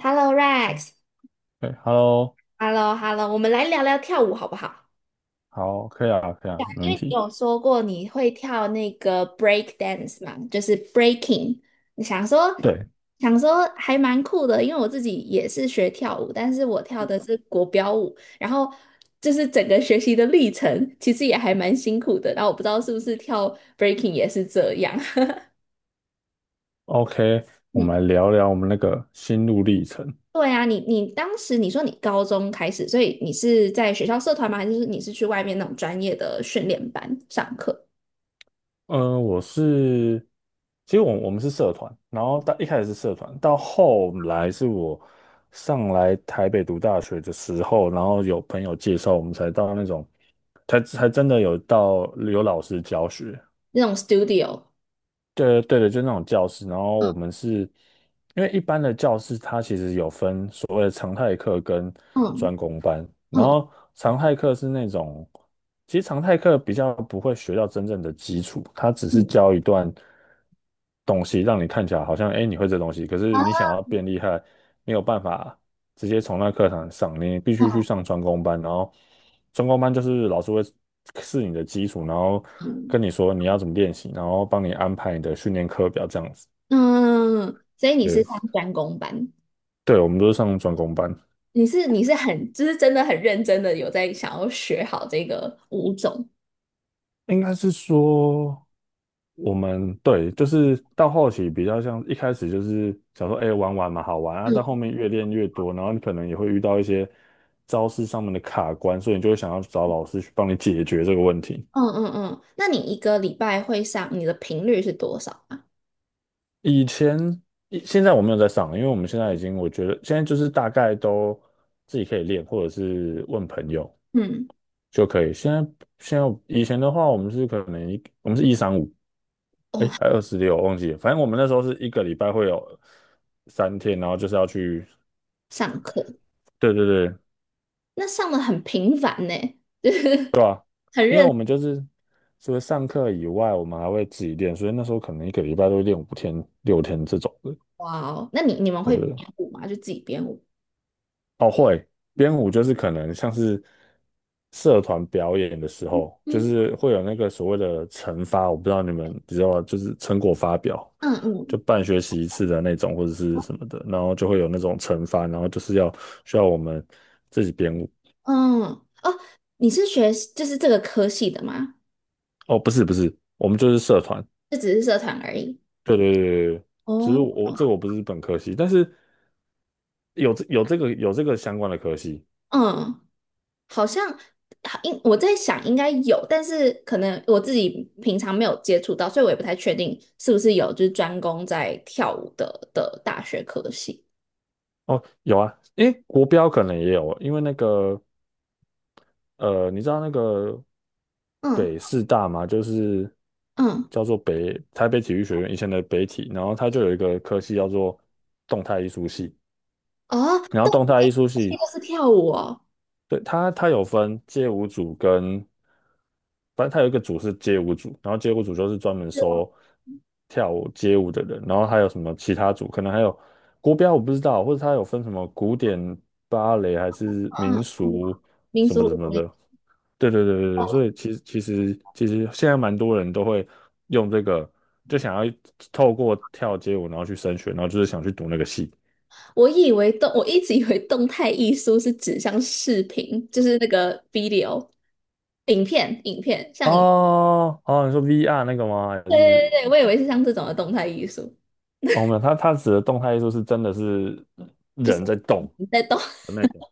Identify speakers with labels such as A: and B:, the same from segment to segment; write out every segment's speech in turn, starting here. A: Hello Rex,Hello
B: 对 h e l l o
A: Hello，我们来聊聊跳舞好不好？
B: 好，可以啊，可以啊，
A: 对啊，
B: 没
A: 因
B: 问
A: 为你
B: 题。
A: 有说过你会跳那个 break dance 嘛，就是 breaking。你想说
B: 对
A: 想说还蛮酷的，因为我自己也是学跳舞，但是我跳的是国标舞，然后就是整个学习的历程其实也还蛮辛苦的。然后我不知道是不是跳 breaking 也是这样。
B: ，OK，我们来聊聊我们那个心路历程。
A: 对啊，你当时你说你高中开始，所以你是在学校社团吗？还是你是去外面那种专业的训练班上课，
B: 嗯、我是，其实我们是社团，然后到一开始是社团，到后来是我上来台北读大学的时候，然后有朋友介绍，我们才到那种，才真的有到有老师教学。
A: 那种 studio？
B: 对对的，就那种教室。然后我们是因为一般的教室，它其实有分所谓的常态课跟
A: 嗯
B: 专攻班。然
A: 嗯
B: 后常态课是那种，其实常态课比较不会学到真正的基础，它只是
A: 嗯
B: 教一段东西，让你看起来好像哎你会这东西，可是你想要变厉害，没有办法。直接从那课堂上，你必须去上专攻班，然后专攻班就是老师会是你的基础，然后
A: 嗯，
B: 跟你说你要怎么练习，然后帮你安排你的训练课表这样子。
A: 嗯，所以你是
B: 对，
A: 上专攻班，
B: 对，我们都是上专攻班，
A: 你是很就是真的很认真的有在想要学好这个舞种。
B: 应该是说我们对，就是到后期比较像一开始就是想说，哎、玩玩嘛，好玩啊，到后
A: 嗯
B: 面越练越多，然后你可能也会遇到一些招式上面的卡关，所以你就会想要找老师去帮你解决这个问题。
A: 嗯嗯嗯，那你一个礼拜会上，你的频率是多少啊？
B: 以前，以现在我没有在上了因为我们现在已经，我觉得现在就是大概都自己可以练，或者是问朋友
A: 嗯，
B: 就可以。现在以前的话，我们是可能我们是一三五，哎，
A: 哦，
B: 还26，我忘记了。反正我们那时候是一个礼拜会有3天，然后就是要去，
A: 上课。
B: 对对对，
A: 那上的很频繁呢，就是
B: 对吧？
A: 很
B: 因为我
A: 认。
B: 们就是除了上课以外，我们还会自己练，所以那时候可能一个礼拜都会练5天、6天这种的，
A: 哇哦，那你们
B: 对
A: 会
B: 不
A: 编
B: 对。
A: 舞吗？就自己编舞？
B: 哦，会编舞就是可能像是社团表演的时候，就
A: 嗯
B: 是会有那个所谓的惩罚，我不知道你们知道吗，就是成果发表，
A: 嗯嗯
B: 就半学期一次的那种或者是什么的，然后就会有那种惩罚，然后就是需要我们自己编舞。
A: 嗯，哦，你是学就是这个科系的吗？
B: 哦，不是不是，我们就是社团，
A: 这只是社团而已。
B: 对对对对对，只是
A: 哦，
B: 我这个我不是本科系，但是有这个相关的科系。
A: 嗯，好像好应我在想应该有，但是可能我自己平常没有接触到，所以我也不太确定是不是有就是专攻在跳舞的大学科系。
B: 哦，有啊，诶，国标可能也有，因为那个你知道那个
A: 嗯
B: 北师大吗？就是
A: 嗯，
B: 叫做北台北体育学院以前的北体，然后它就有一个科系叫做动态艺术系，
A: 哦，
B: 然后
A: 都
B: 动态艺术
A: 是
B: 系，
A: 都是跳舞哦，
B: 对，它它有分街舞组跟，反正它有一个组是街舞组，然后街舞组就是专门
A: 是哦，
B: 收跳舞街舞的人，然后还有什么其他组，可能还有国标我不知道，或者它有分什么古典芭蕾还是
A: 嗯
B: 民
A: 嗯，
B: 俗
A: 民
B: 什
A: 俗
B: 么什么
A: 舞。
B: 的，对对对对对，所以其实现在蛮多人都会用这个，就想要透过跳街舞然后去升学，然后就是想去读那个系。
A: 我以为动，我一直以为动态艺术是指像视频，就是那个 video。
B: 哦哦，你说 VR 那个吗？还
A: 对
B: 是
A: 对对，我以为是像这种的动态艺术，
B: 哦没有，它它指的动态艺术是真的是
A: 就是
B: 人在动
A: 你在动。
B: 的那种。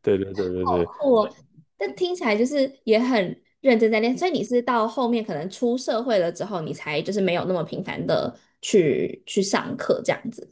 B: 对对对对对，
A: 我，但听起来就是也很认真在练。所以你是到后面可能出社会了之后，你才就是没有那么频繁的去上课这样子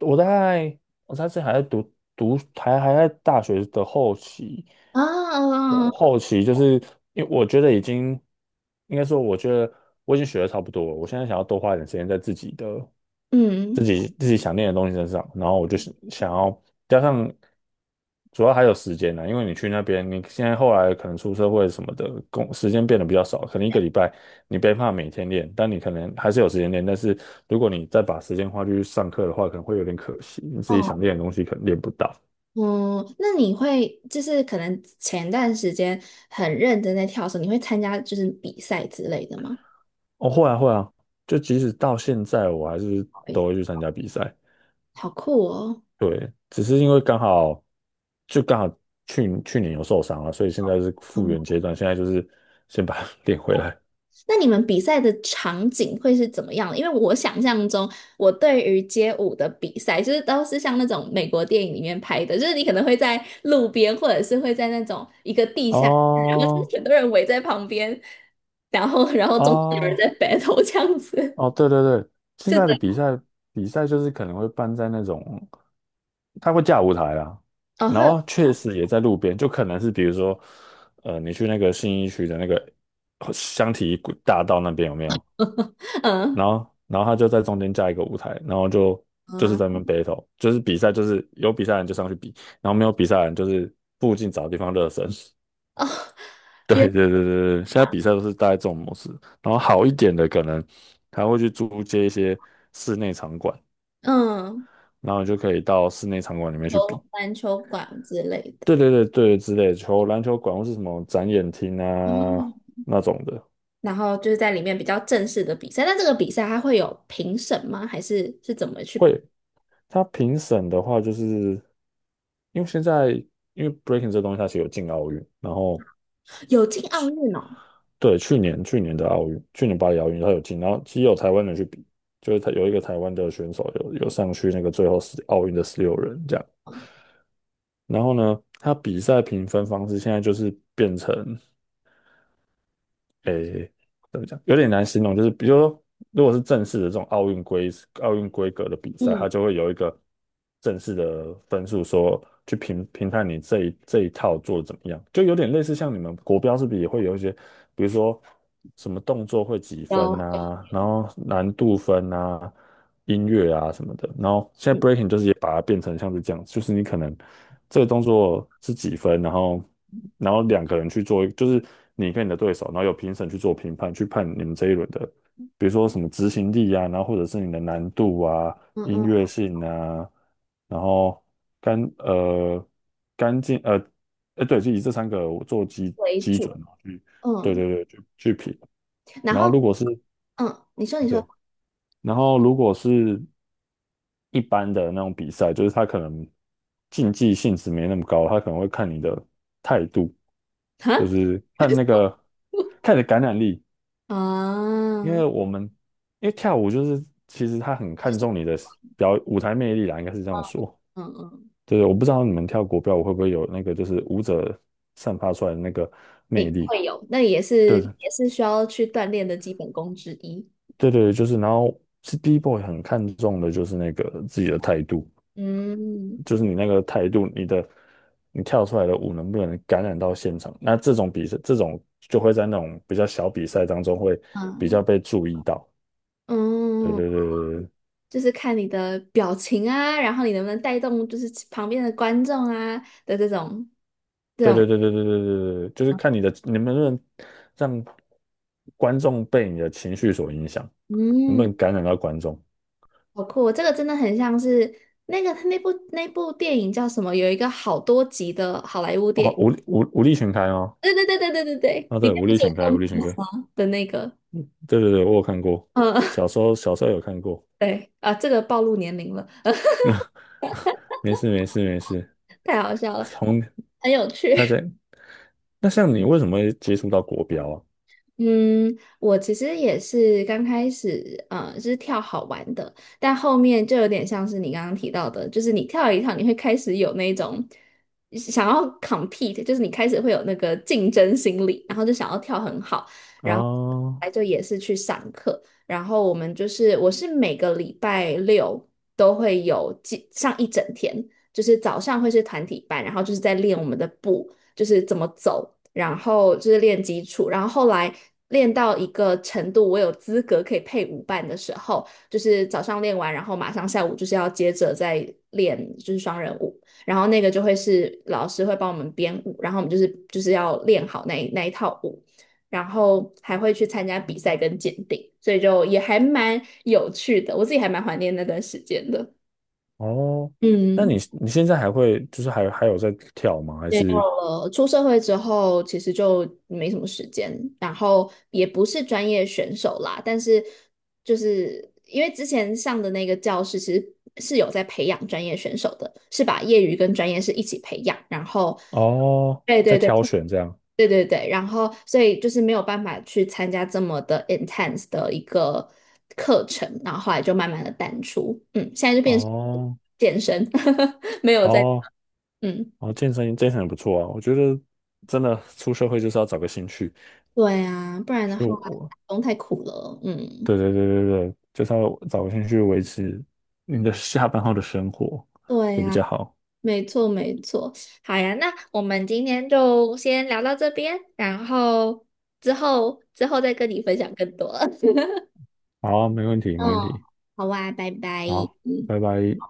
B: 我大概我那次还在读读还还在大学的后期，我
A: 啊，
B: 后期就是因为我觉得已经应该说，我觉得我已经学的差不多了，我现在想要多花一点时间在自己的。自
A: 嗯。
B: 己自己想练的东西身上，然后我就是想要加上，主要还有时间呢、因为你去那边，你现在后来可能出社会什么的，工时间变得比较少，可能一个礼拜你没办法每天练，但你可能还是有时间练，但是如果你再把时间花去上课的话，可能会有点可惜，你自己
A: 哦，
B: 想练的东西可能练不到。
A: 嗯，那你会就是可能前段时间很认真在跳绳，你会参加就是比赛之类的吗？
B: 哦，会啊会啊，就即使到现在我还是都
A: 会。
B: 会去参加比赛，
A: 好酷哦！
B: 对，只是因为刚好就刚好去年有受伤了，所以现在是复
A: 嗯，
B: 原阶段，现在就是先把它 练回来。
A: 那你们比赛的场景会是怎么样的？因为我想象中，我对于街舞的比赛，就是都是像那种美国电影里面拍的，就是你可能会在路边，或者是会在那种一个地下室，然后就
B: 哦
A: 是很多人围在旁边，然后中间有人
B: 哦
A: 在 battle 这样子。
B: 哦，对对对，现
A: 是
B: 在
A: 的，
B: 的比赛比赛就是可能会办在那种，它会架舞台啦，
A: 哦，
B: 然
A: 会有，
B: 后确实也在路边，就可能是比如说，你去那个信义区的那个香缇大道那边有没有？然
A: 嗯
B: 后然后他就在中间加一个舞台，然后就是
A: 嗯，
B: 在那边 battle，就是比赛，就是有比赛的人就上去比，然后没有比赛的人就是附近找地方热身。
A: 哦，
B: 对
A: 原
B: 对对对对，现在比赛都是大概这种模式，然后好一点的可能他会去租借一些室内场馆，
A: 嗯，
B: 然后你就可以到室内场馆里面去
A: 球
B: 比。
A: 篮球馆之类的。
B: 对对对对，之类的球篮球馆或是什么展演厅啊
A: 嗯。
B: 那种的，
A: 然后就是在里面比较正式的比赛。那这个比赛它会有评审吗？还是是怎么去？
B: 会他评审的话，就是因为现在因为 breaking 这东西它其实有进奥运，然后
A: 有进奥运哦，
B: 对去年去年的奥运，去年巴黎奥运它有进，然后其实有台湾人去比，就是他有一个台湾的选手有上去那个最后十奥运的16人这样，然后呢，他比赛评分方式现在就是变成。诶，怎么讲，有点难形容，就是比如说，如果是正式的这种奥运规格的比赛，
A: 嗯，
B: 它就会有一个正式的分数说，去评判你这一套做的怎么样，就有点类似像你们国标是不是也会有一些，比如说什么动作会几
A: 有，
B: 分啊，然后难度分啊，音乐啊什么的。然后现在
A: 嗯
B: breaking 就是也把它变成像是这样，就是你可能这个动作是几分，然后两个人去做，就是你跟你的对手，然后有评审去做评判，去判你们这一轮的，比如说什么执行力啊，然后或者是你的难度啊、
A: 嗯
B: 音
A: 嗯
B: 乐性啊，然后干呃干净哎对，就以这3个做基
A: 为
B: 基
A: 主，
B: 准嘛，去对
A: 嗯，
B: 对对去评。
A: 然
B: 然
A: 后
B: 后如果是
A: 嗯，你说
B: 哎
A: 你说，
B: 对，然后如果是一般的那种比赛，就是他可能竞技性质没那么高，他可能会看你的态度，
A: 哈
B: 就是看那个看你的感染力，因
A: 啊，
B: 为我们因为跳舞就是其实他很
A: 就
B: 看
A: 是
B: 重你的表舞台魅力啦，应该是这样说。
A: 嗯嗯，
B: 对，我不知道你们跳国标舞会不会有那个就是舞者散发出来的那个魅
A: 诶，
B: 力。
A: 会有，那也
B: 对
A: 是也是需要去锻炼的基本功之一。
B: 对对，就是，然后是第一 o 很看重的就是那个自己的态度。
A: 嗯
B: 就是你那个态度，你的你跳出来的舞能不能感染到现场？那这种比赛，这种就会在那种比较小比赛当中会比
A: 嗯
B: 较被注意到。对
A: 嗯，
B: 对对
A: 就是看你的表情啊，然后你能不能带动就是旁边的观众啊的这种。
B: 对对对对对对对对对对，就是看你的你能不能让观众被你的情绪所影响，能不
A: 嗯，
B: 能感染到观众？
A: 好酷哦，这个真的很像是那个那部电影叫什么？有一个好多集的好莱坞电
B: 哦，
A: 影。
B: 武力全开哦，
A: 对对对对对对对，
B: 啊
A: 里
B: 对，
A: 面
B: 武
A: 不
B: 力
A: 是有
B: 全
A: 叫
B: 开，武力全
A: 木
B: 开，
A: 华的那个？
B: 对对对，我有看过，
A: 嗯，
B: 小时候小时候有看过，
A: 对啊，这个暴露年龄了，
B: 没事没事没事，
A: 太好笑了，
B: 从
A: 很有
B: 大家
A: 趣。
B: 那像你为什么会接触到国标啊？
A: 嗯，我其实也是刚开始，是跳好玩的，但后面就有点像是你刚刚提到的，就是你跳一跳，你会开始有那种想要 compete，就是你开始会有那个竞争心理，然后就想要跳很好，然后
B: 啊，
A: 来就也是去上课，然后我们我是每个礼拜六都会有几上一整天，就是早上会是团体班，然后就是在练我们的步，就是怎么走。然后就是练基础，然后后来练到一个程度，我有资格可以配舞伴的时候，就是早上练完，然后马上下午就是要接着再练，就是双人舞，然后那个就会是老师会帮我们编舞，然后我们就是要练好那一套舞，然后还会去参加比赛跟鉴定，所以就也还蛮有趣的，我自己还蛮怀念那段时间的，
B: 哦，那
A: 嗯。
B: 你现在还会就是还有在跳吗？还
A: 没有
B: 是
A: 了，出社会之后其实就没什么时间，然后也不是专业选手啦，但是就是因为之前上的那个教室其实是有在培养专业选手的，是把业余跟专业是一起培养，然后
B: 哦
A: 对
B: 在
A: 对对
B: 挑选这样？
A: 对对对，然后所以就是没有办法去参加这么的 intense 的一个课程，然后后来就慢慢的淡出，嗯，现在就变成
B: 哦
A: 健身，没有在
B: 哦
A: 嗯。
B: 哦，健身健身也不错啊，我觉得真的出社会就是要找个兴趣，
A: 对啊，不然的
B: 就
A: 话，
B: 我
A: 打工太苦了。嗯，
B: 对对对对对，就是要找个兴趣维持你的下班后的生活
A: 对
B: 会比
A: 呀，
B: 较好。
A: 没错没错。好呀，那我们今天就先聊到这边，然后之后再跟你分享更多。
B: 好，没问题没问
A: 嗯，
B: 题，
A: 好啊，拜拜。
B: 好，拜拜。